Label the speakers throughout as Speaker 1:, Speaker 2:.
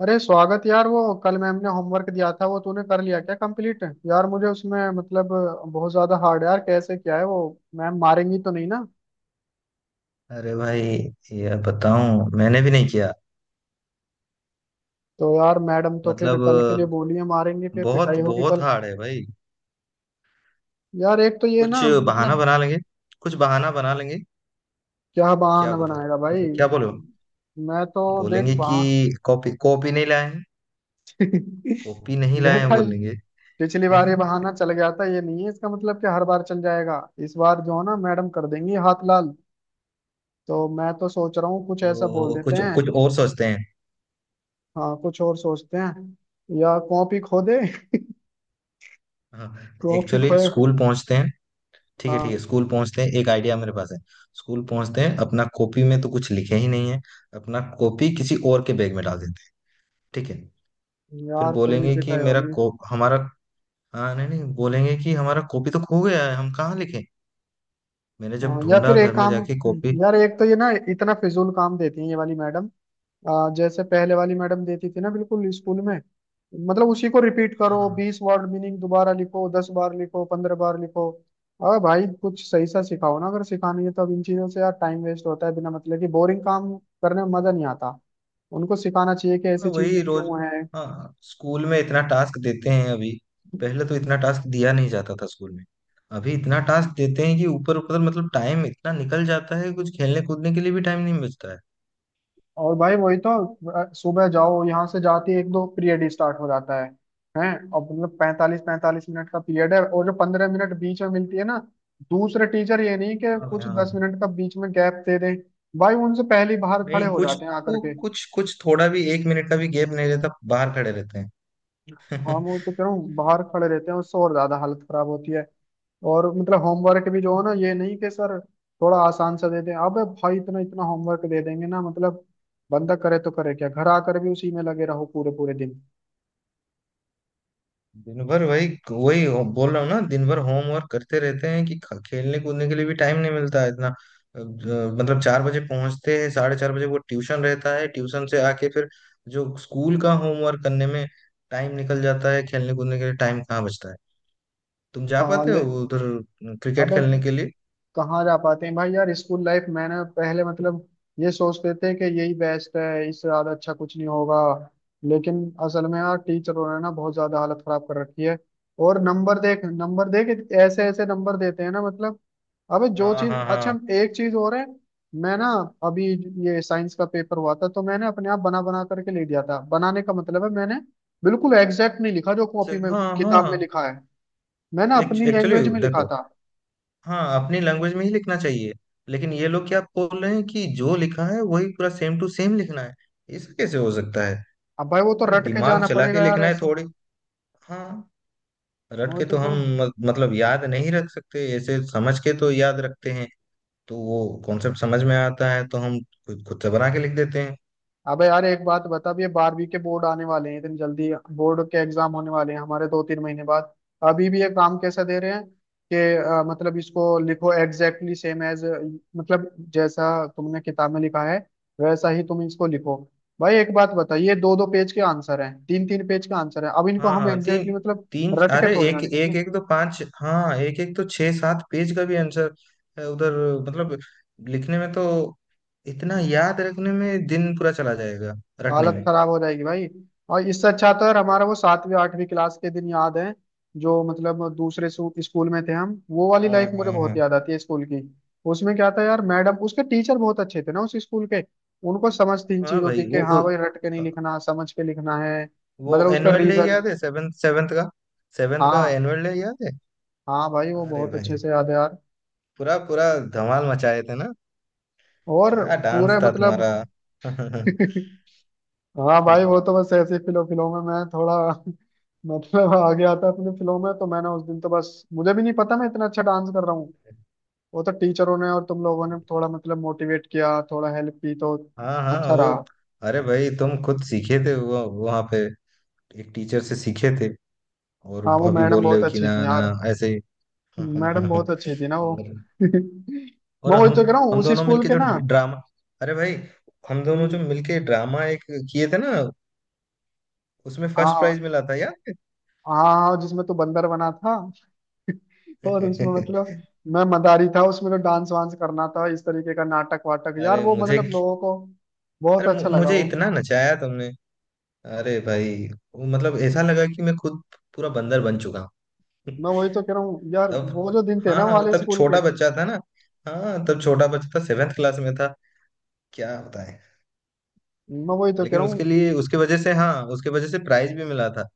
Speaker 1: अरे स्वागत यार। वो कल मैम ने होमवर्क दिया था, वो तूने कर लिया क्या कंप्लीट? यार मुझे उसमें मतलब बहुत ज्यादा हार्ड है यार। कैसे क्या है वो? मैम मारेंगी तो नहीं ना?
Speaker 2: अरे भाई, ये बताऊं, मैंने भी नहीं किया।
Speaker 1: तो यार मैडम तो फिर
Speaker 2: मतलब
Speaker 1: कल के लिए बोली है, मारेंगी फिर,
Speaker 2: बहुत
Speaker 1: पिटाई होगी
Speaker 2: बहुत
Speaker 1: कल।
Speaker 2: हार्ड है भाई।
Speaker 1: यार एक तो ये
Speaker 2: कुछ
Speaker 1: ना
Speaker 2: बहाना
Speaker 1: मतलब,
Speaker 2: बना लेंगे, कुछ बहाना बना लेंगे।
Speaker 1: क्या
Speaker 2: क्या
Speaker 1: बहाना
Speaker 2: बता।
Speaker 1: बनाएगा भाई?
Speaker 2: मतलब क्या बोलो।
Speaker 1: मैं तो देख
Speaker 2: बोलेंगे कि
Speaker 1: बहा
Speaker 2: कॉपी कॉपी नहीं लाए हैं। कॉपी नहीं लाए हैं
Speaker 1: बेटा।
Speaker 2: बोलेंगे।
Speaker 1: पिछली बार ये बहाना चल गया था, ये नहीं है इसका मतलब कि हर बार चल जाएगा। इस बार जो है ना, मैडम कर देंगी हाथ लाल। तो मैं तो सोच रहा हूँ कुछ ऐसा बोल
Speaker 2: वो
Speaker 1: देते
Speaker 2: कुछ
Speaker 1: हैं।
Speaker 2: कुछ और सोचते हैं।
Speaker 1: हाँ कुछ और सोचते हैं, या कॉपी खो दे
Speaker 2: हाँ,
Speaker 1: कॉपी
Speaker 2: एक्चुअली
Speaker 1: खोए।
Speaker 2: स्कूल पहुंचते हैं। ठीक है, ठीक है,
Speaker 1: हाँ
Speaker 2: स्कूल पहुंचते हैं, एक आइडिया मेरे पास है। स्कूल पहुंचते हैं, अपना कॉपी में तो कुछ लिखे ही नहीं है। अपना कॉपी किसी और के बैग में डाल देते हैं, ठीक है। फिर
Speaker 1: यार, फिर भी
Speaker 2: बोलेंगे कि
Speaker 1: पिटाई
Speaker 2: मेरा
Speaker 1: होगी।
Speaker 2: को हमारा, हाँ, नहीं नहीं, बोलेंगे कि हमारा कॉपी तो खो गया है, हम कहाँ लिखें, मैंने जब
Speaker 1: हाँ, या
Speaker 2: ढूंढा
Speaker 1: फिर
Speaker 2: घर
Speaker 1: एक
Speaker 2: में
Speaker 1: काम।
Speaker 2: जाके कॉपी।
Speaker 1: यार एक तो ये ना, इतना फिजूल काम देती है ये वाली मैडम। जैसे पहले वाली मैडम देती थी ना, बिल्कुल स्कूल में। मतलब उसी को रिपीट
Speaker 2: हाँ
Speaker 1: करो,
Speaker 2: हाँ
Speaker 1: 20 वर्ड मीनिंग दोबारा लिखो, 10 बार लिखो, 15 बार लिखो। अरे भाई कुछ सही सा सिखाओ ना, अगर सिखानी है तो। अब इन चीजों से यार टाइम वेस्ट होता है, बिना मतलब की बोरिंग काम करने में मजा नहीं आता। उनको सिखाना चाहिए कि ऐसी
Speaker 2: हाँ, वही
Speaker 1: चीजें
Speaker 2: रोज।
Speaker 1: क्यों है।
Speaker 2: हाँ, स्कूल में इतना टास्क देते हैं अभी। पहले तो इतना टास्क दिया नहीं जाता था स्कूल में। अभी इतना टास्क देते हैं कि ऊपर ऊपर मतलब टाइम इतना निकल जाता है, कुछ खेलने कूदने के लिए भी टाइम नहीं बचता है।
Speaker 1: और भाई वही तो। सुबह जाओ, यहाँ से जाते ही एक दो पीरियड ही स्टार्ट हो जाता है हैं। और मतलब 45 45 मिनट का पीरियड है, और जो 15 मिनट बीच में मिलती है ना दूसरे टीचर, ये नहीं कि
Speaker 2: हाँ भाई,
Speaker 1: कुछ
Speaker 2: हाँ
Speaker 1: दस
Speaker 2: भाई।
Speaker 1: मिनट का बीच में गैप दे दें। भाई उनसे पहले ही बाहर खड़े
Speaker 2: नहीं
Speaker 1: हो
Speaker 2: कुछ,
Speaker 1: जाते हैं आकर के।
Speaker 2: कुछ थोड़ा भी, एक मिनट का भी गैप नहीं रहता, बाहर खड़े रहते
Speaker 1: हम
Speaker 2: हैं।
Speaker 1: वो तो कह रहा हूँ बाहर खड़े रहते हैं, उससे और ज्यादा हालत खराब होती है। और मतलब होमवर्क भी जो है ना, ये नहीं कि सर थोड़ा आसान सा दे दें। अबे भाई इतना इतना होमवर्क दे देंगे ना मतलब, बंदा करे तो करे क्या? घर आकर भी उसी में लगे रहो पूरे पूरे दिन।
Speaker 2: दिन भर वही वही बोल रहा हूँ ना, दिन भर होमवर्क करते रहते हैं कि खेलने कूदने के लिए भी टाइम नहीं मिलता है इतना। मतलब 4 बजे पहुंचते हैं, 4:30 वो ट्यूशन रहता है, ट्यूशन से आके फिर जो स्कूल का होमवर्क करने में टाइम निकल जाता है, खेलने कूदने के लिए टाइम कहाँ बचता है। तुम जा
Speaker 1: हाँ
Speaker 2: पाते हो
Speaker 1: ले।
Speaker 2: उधर क्रिकेट
Speaker 1: अबे
Speaker 2: खेलने के लिए?
Speaker 1: कहाँ जा पाते हैं भाई यार? स्कूल लाइफ मैंने पहले मतलब ये सोचते थे कि यही बेस्ट है, इससे ज्यादा अच्छा कुछ नहीं होगा। लेकिन असल में यार टीचरों ने ना बहुत ज्यादा हालत खराब कर रखी है। और नंबर देख, नंबर देख, ऐसे ऐसे नंबर देते हैं ना मतलब। अबे जो
Speaker 2: हाँ
Speaker 1: चीज
Speaker 2: हाँ
Speaker 1: अच्छा।
Speaker 2: हाँ,
Speaker 1: एक चीज और है। मैं ना अभी ये साइंस का पेपर हुआ था, तो मैंने अपने आप बना बना करके ले दिया था। बनाने का मतलब है मैंने बिल्कुल एग्जैक्ट नहीं लिखा जो कॉपी में
Speaker 2: हाँ
Speaker 1: किताब में
Speaker 2: हाँ,
Speaker 1: लिखा है। मैंने अपनी
Speaker 2: एक्चुअली
Speaker 1: लैंग्वेज में लिखा
Speaker 2: देखो,
Speaker 1: था।
Speaker 2: हाँ, अपनी लैंग्वेज में ही लिखना चाहिए। लेकिन ये लोग क्या बोल रहे हैं कि जो लिखा है वही पूरा सेम टू सेम लिखना है। ऐसा कैसे हो सकता है।
Speaker 1: अब भाई वो तो
Speaker 2: अरे
Speaker 1: रट के
Speaker 2: दिमाग
Speaker 1: जाना
Speaker 2: चला के
Speaker 1: पड़ेगा यार
Speaker 2: लिखना है
Speaker 1: ऐसे।
Speaker 2: थोड़ी। हाँ, रट
Speaker 1: वही
Speaker 2: के
Speaker 1: तो
Speaker 2: तो हम
Speaker 1: करूँ।
Speaker 2: मतलब याद नहीं रख सकते, ऐसे समझ के तो याद रखते हैं। तो वो कॉन्सेप्ट समझ में आता है तो हम खुद खुद से बना के लिख देते हैं।
Speaker 1: अबे यार एक बात बता, अब ये 12वीं के बोर्ड आने वाले हैं इतनी जल्दी। बोर्ड के एग्जाम होने वाले हैं हमारे 2 3 महीने बाद। अभी भी ये काम कैसा दे रहे हैं कि मतलब इसको लिखो एग्जैक्टली सेम एज, मतलब जैसा तुमने किताब में लिखा है वैसा ही तुम इसको लिखो। भाई एक बात बता, ये दो दो पेज के आंसर हैं, तीन तीन पेज के आंसर हैं, अब इनको
Speaker 2: हाँ
Speaker 1: हम
Speaker 2: हाँ, तीन
Speaker 1: एग्जैक्टली मतलब
Speaker 2: तीन,
Speaker 1: रट के
Speaker 2: अरे
Speaker 1: थोड़ी ना
Speaker 2: एक एक
Speaker 1: लिखेंगे।
Speaker 2: एक तो पांच, हाँ, एक एक तो छह सात पेज का भी आंसर है उधर। मतलब लिखने में तो, इतना याद रखने में दिन पूरा चला जाएगा, रटने
Speaker 1: हालत
Speaker 2: में।
Speaker 1: खराब हो जाएगी भाई। और इससे अच्छा तो यार हमारा वो सातवीं आठवीं क्लास के दिन याद है, जो मतलब दूसरे स्कूल में थे हम। वो वाली
Speaker 2: हाँ
Speaker 1: लाइफ मुझे
Speaker 2: हाँ
Speaker 1: बहुत
Speaker 2: हाँ।
Speaker 1: याद आती है स्कूल की। उसमें क्या था यार, मैडम उसके टीचर बहुत अच्छे थे ना उस स्कूल के। उनको समझ थी इन
Speaker 2: हाँ
Speaker 1: चीजों की
Speaker 2: भाई,
Speaker 1: कि
Speaker 2: वो वो,
Speaker 1: हाँ भाई रट के नहीं लिखना, समझ के लिखना है।
Speaker 2: वो
Speaker 1: मतलब उसका
Speaker 2: एनुअल डे
Speaker 1: रीजन।
Speaker 2: याद है सेवेंथ सेवेंथ का, सेवेंथ का
Speaker 1: हाँ।
Speaker 2: एनुअल डे याद है?
Speaker 1: हाँ भाई, वो
Speaker 2: अरे
Speaker 1: बहुत अच्छे
Speaker 2: भाई,
Speaker 1: से याद है यार।
Speaker 2: पूरा पूरा धमाल मचाए थे ना।
Speaker 1: और
Speaker 2: क्या डांस
Speaker 1: पूरे
Speaker 2: था
Speaker 1: मतलब
Speaker 2: तुम्हारा।
Speaker 1: हाँ भाई, वो तो बस ऐसे फिलो फिलो में मैं थोड़ा मतलब आ गया था अपने फिलो में। तो मैंने उस दिन तो बस, मुझे भी नहीं पता मैं इतना अच्छा डांस कर रहा हूँ। वो तो टीचरों ने और तुम लोगों ने थोड़ा मतलब मोटिवेट किया, थोड़ा हेल्प की तो
Speaker 2: हाँ हाँ
Speaker 1: अच्छा
Speaker 2: वो।
Speaker 1: रहा।
Speaker 2: अरे भाई, तुम खुद सीखे थे, वो वहां पे एक टीचर से सीखे थे, और
Speaker 1: हाँ वो
Speaker 2: अभी
Speaker 1: मैडम
Speaker 2: बोल रहे
Speaker 1: बहुत
Speaker 2: हो कि
Speaker 1: अच्छी
Speaker 2: ना
Speaker 1: थी यार।
Speaker 2: ना, ऐसे ही।
Speaker 1: मैडम बहुत अच्छी थी ना वो
Speaker 2: और और
Speaker 1: मैं वही
Speaker 2: हम
Speaker 1: तो कह रहा हूँ
Speaker 2: हम
Speaker 1: उसी
Speaker 2: दोनों
Speaker 1: स्कूल
Speaker 2: मिलके
Speaker 1: के
Speaker 2: जो
Speaker 1: ना।
Speaker 2: ड्रामा, अरे भाई, हम दोनों जो
Speaker 1: हम्म,
Speaker 2: मिलके ड्रामा एक किए थे ना, उसमें फर्स्ट प्राइज
Speaker 1: हाँ।
Speaker 2: मिला था यार।
Speaker 1: हाँ हाँ, जिसमें तू बंदर बना था, तो और उसमें मतलब मैं मदारी था। उसमें तो डांस वांस करना था, इस तरीके का नाटक वाटक यार,
Speaker 2: अरे
Speaker 1: वो मतलब लोगों को बहुत अच्छा लगा
Speaker 2: मुझे
Speaker 1: वो।
Speaker 2: इतना नचाया तुमने, अरे भाई, वो मतलब ऐसा लगा कि मैं खुद पूरा बंदर बन चुका हूँ।
Speaker 1: मैं वही तो कह रहा हूँ यार,
Speaker 2: तब,
Speaker 1: वो जो दिन थे
Speaker 2: हाँ
Speaker 1: ना
Speaker 2: हाँ,
Speaker 1: वाले
Speaker 2: तब
Speaker 1: स्कूल
Speaker 2: छोटा
Speaker 1: के।
Speaker 2: बच्चा था ना, हाँ, तब छोटा बच्चा था, सेवेंथ क्लास में था। क्या बताएं।
Speaker 1: मैं वही तो कह
Speaker 2: लेकिन
Speaker 1: रहा हूँ,
Speaker 2: उसके वजह से, हाँ, उसके वजह से प्राइज भी मिला था।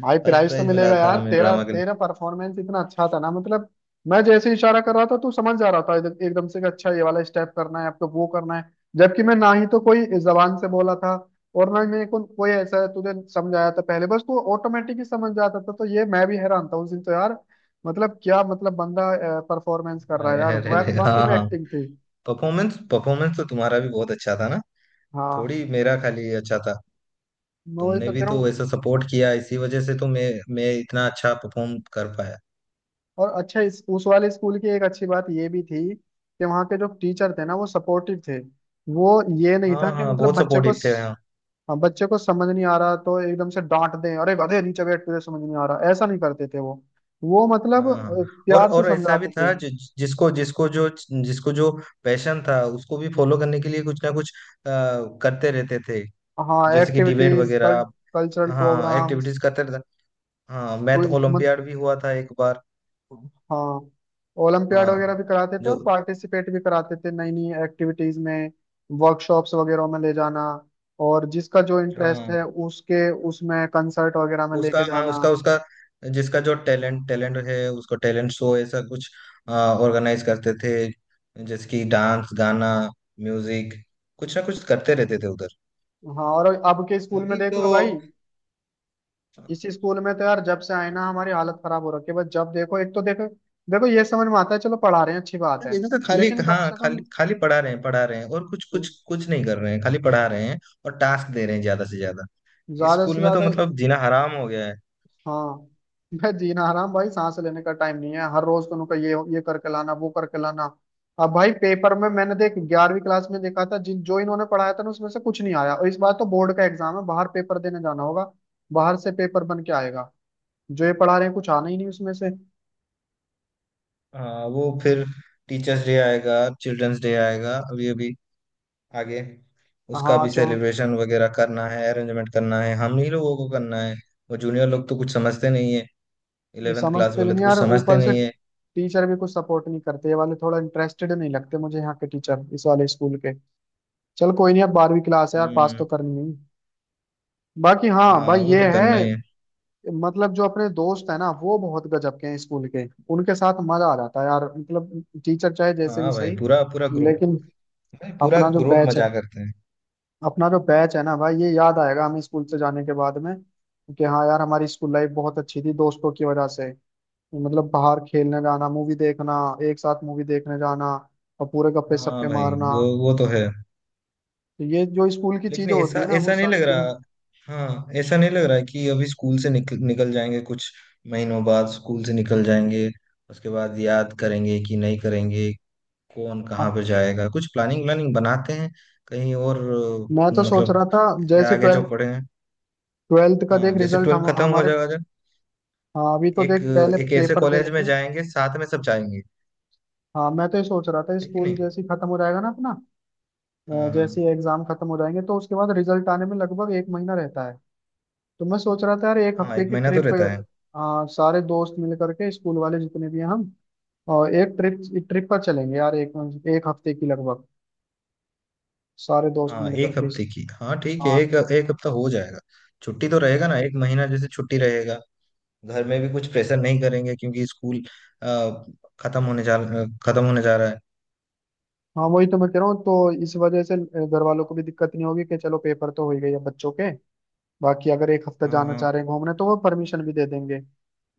Speaker 1: भाई
Speaker 2: फर्स्ट
Speaker 1: प्राइस तो
Speaker 2: प्राइज मिला
Speaker 1: मिलेगा
Speaker 2: था
Speaker 1: यार,
Speaker 2: हमें
Speaker 1: तेरा
Speaker 2: ड्रामा के लिए।
Speaker 1: तेरा परफॉर्मेंस इतना अच्छा था ना मतलब। मैं जैसे इशारा कर रहा था, तू समझ जा रहा था एकदम से कि अच्छा ये वाला स्टेप करना है आपको, वो करना है। जबकि मैं ना ही तो कोई जबान से बोला था, और ना ही मेरे को कोई ऐसा तुझे समझाया था पहले। बस तू ऑटोमेटिक ही समझ जाता था, तो ये मैं भी हैरान था उस दिन तो यार। मतलब क्या मतलब बंदा परफॉर्मेंस कर रहा है
Speaker 2: अरे
Speaker 1: यार,
Speaker 2: अरे अरे,
Speaker 1: वाकई
Speaker 2: हाँ
Speaker 1: में
Speaker 2: हाँ।
Speaker 1: एक्टिंग थी।
Speaker 2: परफॉर्मेंस परफॉर्मेंस तो तुम्हारा भी बहुत अच्छा था ना।
Speaker 1: हाँ।
Speaker 2: थोड़ी मेरा खाली अच्छा था,
Speaker 1: मैं वही
Speaker 2: तुमने
Speaker 1: तो
Speaker 2: भी
Speaker 1: कह रहा
Speaker 2: तो
Speaker 1: हूँ।
Speaker 2: वैसा सपोर्ट किया, इसी वजह से तो मैं इतना अच्छा परफॉर्म कर पाया।
Speaker 1: और अच्छा, इस उस वाले स्कूल की एक अच्छी बात ये भी थी कि वहाँ के जो टीचर थे ना वो सपोर्टिव थे। वो ये नहीं था
Speaker 2: हाँ
Speaker 1: कि
Speaker 2: हाँ,
Speaker 1: मतलब
Speaker 2: बहुत
Speaker 1: बच्चे को
Speaker 2: सपोर्टिव थे, हाँ
Speaker 1: हाँ, बच्चे को समझ नहीं आ रहा तो एकदम से डांट दें, अरे गधे नीचे बैठ, तुझे समझ नहीं आ रहा, ऐसा नहीं करते थे वो। वो मतलब
Speaker 2: हाँ हाँ। और
Speaker 1: प्यार से
Speaker 2: और ऐसा भी
Speaker 1: समझाते थे।
Speaker 2: था, जिसको जिसको जो पैशन था, उसको भी फॉलो करने के लिए कुछ ना कुछ अ, करते रहते थे,
Speaker 1: हाँ
Speaker 2: जैसे कि डिबेट
Speaker 1: एक्टिविटीज,
Speaker 2: वगैरह,
Speaker 1: कल्चरल
Speaker 2: हाँ,
Speaker 1: प्रोग्राम्स।
Speaker 2: एक्टिविटीज करते रहते। हाँ, मैथ ओलंपियाड भी हुआ था एक बार।
Speaker 1: हाँ ओलंपियाड वगैरह
Speaker 2: हाँ,
Speaker 1: भी कराते थे
Speaker 2: जो
Speaker 1: और पार्टिसिपेट भी कराते थे नई नई एक्टिविटीज में। वर्कशॉप्स वगैरह में ले जाना, और जिसका जो इंटरेस्ट
Speaker 2: हाँ,
Speaker 1: है उसके उसमें कंसर्ट वगैरह में लेके
Speaker 2: उसका, हाँ,
Speaker 1: जाना।
Speaker 2: उसका उसका, जिसका जो टैलेंट टैलेंट है, उसको टैलेंट शो, ऐसा कुछ ऑर्गेनाइज करते थे, जैसे कि डांस, गाना, म्यूजिक, कुछ ना कुछ करते रहते थे उधर।
Speaker 1: हाँ और अब के स्कूल में
Speaker 2: अभी
Speaker 1: देख
Speaker 2: तो
Speaker 1: लो भाई। इसी स्कूल में तो यार जब से आए ना, हमारी हालत खराब हो रखी है। बस जब देखो एक तो, देखो, देखो ये समझ में आता है चलो पढ़ा रहे हैं अच्छी बात है,
Speaker 2: इधर तो खाली,
Speaker 1: लेकिन कम
Speaker 2: हाँ,
Speaker 1: से
Speaker 2: खाली
Speaker 1: कम।
Speaker 2: खाली पढ़ा रहे हैं, और कुछ कुछ कुछ नहीं कर रहे हैं, खाली पढ़ा रहे हैं और टास्क दे रहे हैं ज्यादा से ज्यादा। इस
Speaker 1: ज्यादा से
Speaker 2: स्कूल में तो
Speaker 1: ज्यादा।
Speaker 2: मतलब जीना हराम हो गया है।
Speaker 1: हाँ मैं जीना हराम भाई, सांस लेने का टाइम नहीं है, हर रोज तुमको ये करके लाना, वो करके लाना। अब भाई पेपर में मैंने देख 11वीं क्लास में देखा था, जिन जो इन्होंने पढ़ाया था ना उसमें से कुछ नहीं आया। और इस बार तो बोर्ड का एग्जाम है, बाहर पेपर देने जाना होगा। बाहर से पेपर बन के आएगा, जो ये पढ़ा रहे हैं कुछ आना ही नहीं उसमें से।
Speaker 2: हाँ, वो फिर टीचर्स डे आएगा, चिल्ड्रंस डे आएगा, अभी अभी आगे, उसका
Speaker 1: हाँ
Speaker 2: भी
Speaker 1: जो।
Speaker 2: सेलिब्रेशन वगैरह करना है, अरेंजमेंट करना है, हम ही लोगों को करना है। वो जूनियर लोग तो कुछ समझते नहीं है,
Speaker 1: वो
Speaker 2: इलेवेंथ क्लास
Speaker 1: समझते भी
Speaker 2: वाले
Speaker 1: नहीं
Speaker 2: तो
Speaker 1: यार,
Speaker 2: कुछ समझते
Speaker 1: ऊपर से
Speaker 2: नहीं है।
Speaker 1: टीचर भी कुछ सपोर्ट नहीं करते, ये वाले थोड़ा इंटरेस्टेड नहीं लगते मुझे यहाँ के टीचर, इस वाले स्कूल के। चल कोई नहीं, अब 12वीं क्लास है यार, पास
Speaker 2: हम्म।
Speaker 1: तो करनी नहीं। बाकी हाँ भाई
Speaker 2: हाँ, वो
Speaker 1: ये
Speaker 2: तो करना ही है।
Speaker 1: है। मतलब जो अपने दोस्त है ना वो बहुत गजब के हैं स्कूल के, उनके साथ मजा आ जाता है यार, मतलब टीचर चाहे जैसे भी
Speaker 2: हाँ भाई,
Speaker 1: सही।
Speaker 2: पूरा पूरा ग्रुप,
Speaker 1: लेकिन
Speaker 2: भाई पूरा
Speaker 1: अपना जो
Speaker 2: ग्रुप
Speaker 1: बैच है,
Speaker 2: मजा करते हैं।
Speaker 1: अपना जो बैच है ना भाई, ये याद आएगा हमें स्कूल से जाने के बाद में कि हाँ यार हमारी स्कूल लाइफ बहुत अच्छी थी दोस्तों की वजह से। मतलब बाहर खेलने जाना, मूवी देखना, एक साथ मूवी देखने जाना, और पूरे गप्पे
Speaker 2: हाँ
Speaker 1: सप्पे
Speaker 2: भाई,
Speaker 1: मारना।
Speaker 2: वो तो है।
Speaker 1: तो ये जो स्कूल की
Speaker 2: लेकिन
Speaker 1: चीजें होती
Speaker 2: ऐसा
Speaker 1: है ना वो
Speaker 2: ऐसा नहीं
Speaker 1: सारी
Speaker 2: लग
Speaker 1: चीज।
Speaker 2: रहा, हाँ, ऐसा नहीं लग रहा है कि अभी स्कूल से निकल निकल जाएंगे। कुछ महीनों बाद स्कूल से निकल जाएंगे, उसके बाद याद करेंगे कि नहीं करेंगे। कौन कहाँ
Speaker 1: हाँ
Speaker 2: पर जाएगा, कुछ प्लानिंग व्लानिंग बनाते हैं कहीं और।
Speaker 1: मैं तो सोच
Speaker 2: मतलब
Speaker 1: रहा था,
Speaker 2: इसके
Speaker 1: जैसे
Speaker 2: आगे जो
Speaker 1: ट्वेल्थ,
Speaker 2: पढ़े हैं,
Speaker 1: ट्वेल्थ का
Speaker 2: हाँ,
Speaker 1: देख
Speaker 2: जैसे
Speaker 1: रिजल्ट,
Speaker 2: ट्वेल्थ
Speaker 1: हम
Speaker 2: खत्म हो
Speaker 1: हमारे।
Speaker 2: जाएगा जब,
Speaker 1: हाँ अभी तो
Speaker 2: एक
Speaker 1: देख, पहले
Speaker 2: एक ऐसे
Speaker 1: पेपर दे
Speaker 2: कॉलेज
Speaker 1: लेते
Speaker 2: में
Speaker 1: हैं।
Speaker 2: जाएंगे, साथ में सब जाएंगे,
Speaker 1: हाँ मैं तो ये सोच रहा था
Speaker 2: है कि
Speaker 1: स्कूल
Speaker 2: नहीं?
Speaker 1: जैसे ही खत्म हो जाएगा ना अपना,
Speaker 2: हाँ हाँ
Speaker 1: जैसे ही एग्जाम खत्म हो जाएंगे तो उसके बाद रिजल्ट आने में लगभग एक महीना रहता है। तो मैं सोच रहा था यार, एक
Speaker 2: हाँ,
Speaker 1: हफ्ते
Speaker 2: एक
Speaker 1: की
Speaker 2: महीना तो
Speaker 1: ट्रिप।
Speaker 2: रहता है।
Speaker 1: हाँ सारे दोस्त मिल करके स्कूल वाले जितने भी हैं हम, और एक ट्रिप, ट्रिप पर चलेंगे यार, एक एक हफ्ते की लगभग। सारे दोस्त
Speaker 2: हाँ,
Speaker 1: मिल
Speaker 2: एक
Speaker 1: करके
Speaker 2: हफ्ते की, हाँ ठीक है,
Speaker 1: हाँ
Speaker 2: एक एक हफ्ता हो जाएगा। छुट्टी तो रहेगा ना, एक महीना जैसे छुट्टी रहेगा। घर में भी कुछ प्रेशर नहीं करेंगे, क्योंकि स्कूल अ, खत्म होने जा खत्म होने जा रहा है।
Speaker 1: हाँ, वही तो मैं कह रहा हूँ। तो इस वजह से घर वालों को भी दिक्कत नहीं होगी कि चलो पेपर तो हो ही गई है बच्चों के, बाकी अगर एक हफ्ता
Speaker 2: हाँ
Speaker 1: जाना
Speaker 2: हाँ
Speaker 1: चाह रहे हैं घूमने तो वो परमिशन भी दे देंगे।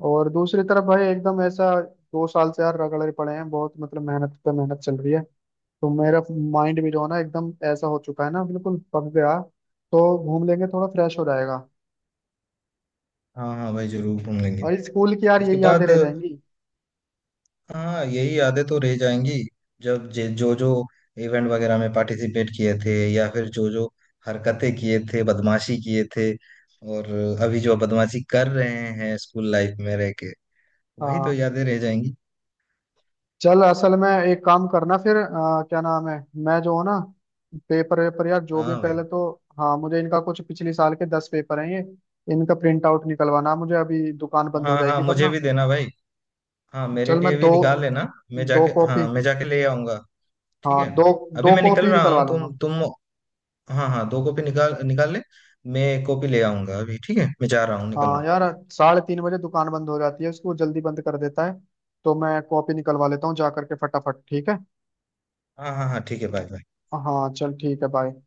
Speaker 1: और दूसरी तरफ भाई एकदम ऐसा, 2 साल से यार रगड़े पड़े हैं बहुत मतलब, मेहनत पे मेहनत चल रही है। तो मेरा माइंड भी जो है ना एकदम ऐसा हो चुका है ना, बिल्कुल पक गया। तो घूम लेंगे, थोड़ा फ्रेश हो जाएगा।
Speaker 2: हाँ, हाँ भाई जरूर घूम लेंगे
Speaker 1: और स्कूल की यार
Speaker 2: इसके
Speaker 1: यही यादें
Speaker 2: बाद।
Speaker 1: रह जाएंगी।
Speaker 2: हाँ, यही यादें तो रह जाएंगी, जो जो इवेंट वगैरह में पार्टिसिपेट किए थे, या फिर जो जो हरकतें किए थे, बदमाशी किए थे, और अभी जो बदमाशी कर रहे हैं स्कूल लाइफ में रह के, वही तो
Speaker 1: हाँ
Speaker 2: यादें रह जाएंगी।
Speaker 1: चल, असल में एक काम करना फिर, क्या नाम है, मैं जो हूँ ना, पेपर वेपर यार जो भी है,
Speaker 2: हाँ भाई,
Speaker 1: पहले तो। हाँ मुझे इनका कुछ पिछले साल के 10 पेपर हैं ये, इनका प्रिंट आउट निकलवाना मुझे, अभी दुकान बंद हो
Speaker 2: हाँ हाँ,
Speaker 1: जाएगी
Speaker 2: मुझे
Speaker 1: वरना।
Speaker 2: भी देना भाई, हाँ, मेरे
Speaker 1: चल मैं
Speaker 2: लिए भी
Speaker 1: दो,
Speaker 2: निकाल लेना। मैं
Speaker 1: दो
Speaker 2: जाके हाँ,
Speaker 1: कॉपी,
Speaker 2: मैं जाके ले आऊंगा। ठीक
Speaker 1: हाँ
Speaker 2: है,
Speaker 1: दो,
Speaker 2: अभी
Speaker 1: दो
Speaker 2: मैं निकल
Speaker 1: कॉपी
Speaker 2: रहा हूँ,
Speaker 1: निकलवा
Speaker 2: तुम
Speaker 1: लूंगा।
Speaker 2: तुम हाँ हाँ, दो कॉपी निकाल निकाल ले। मैं एक कॉपी ले आऊंगा अभी, ठीक है, मैं जा रहा हूँ, निकल रहा
Speaker 1: हाँ यार 3:30 बजे दुकान बंद हो जाती है, उसको जल्दी बंद कर देता है। तो मैं कॉपी निकलवा लेता हूँ जा करके फटाफट, ठीक है?
Speaker 2: हूँ। हाँ हाँ हाँ ठीक है, बाय बाय।
Speaker 1: हाँ चल ठीक है, बाय।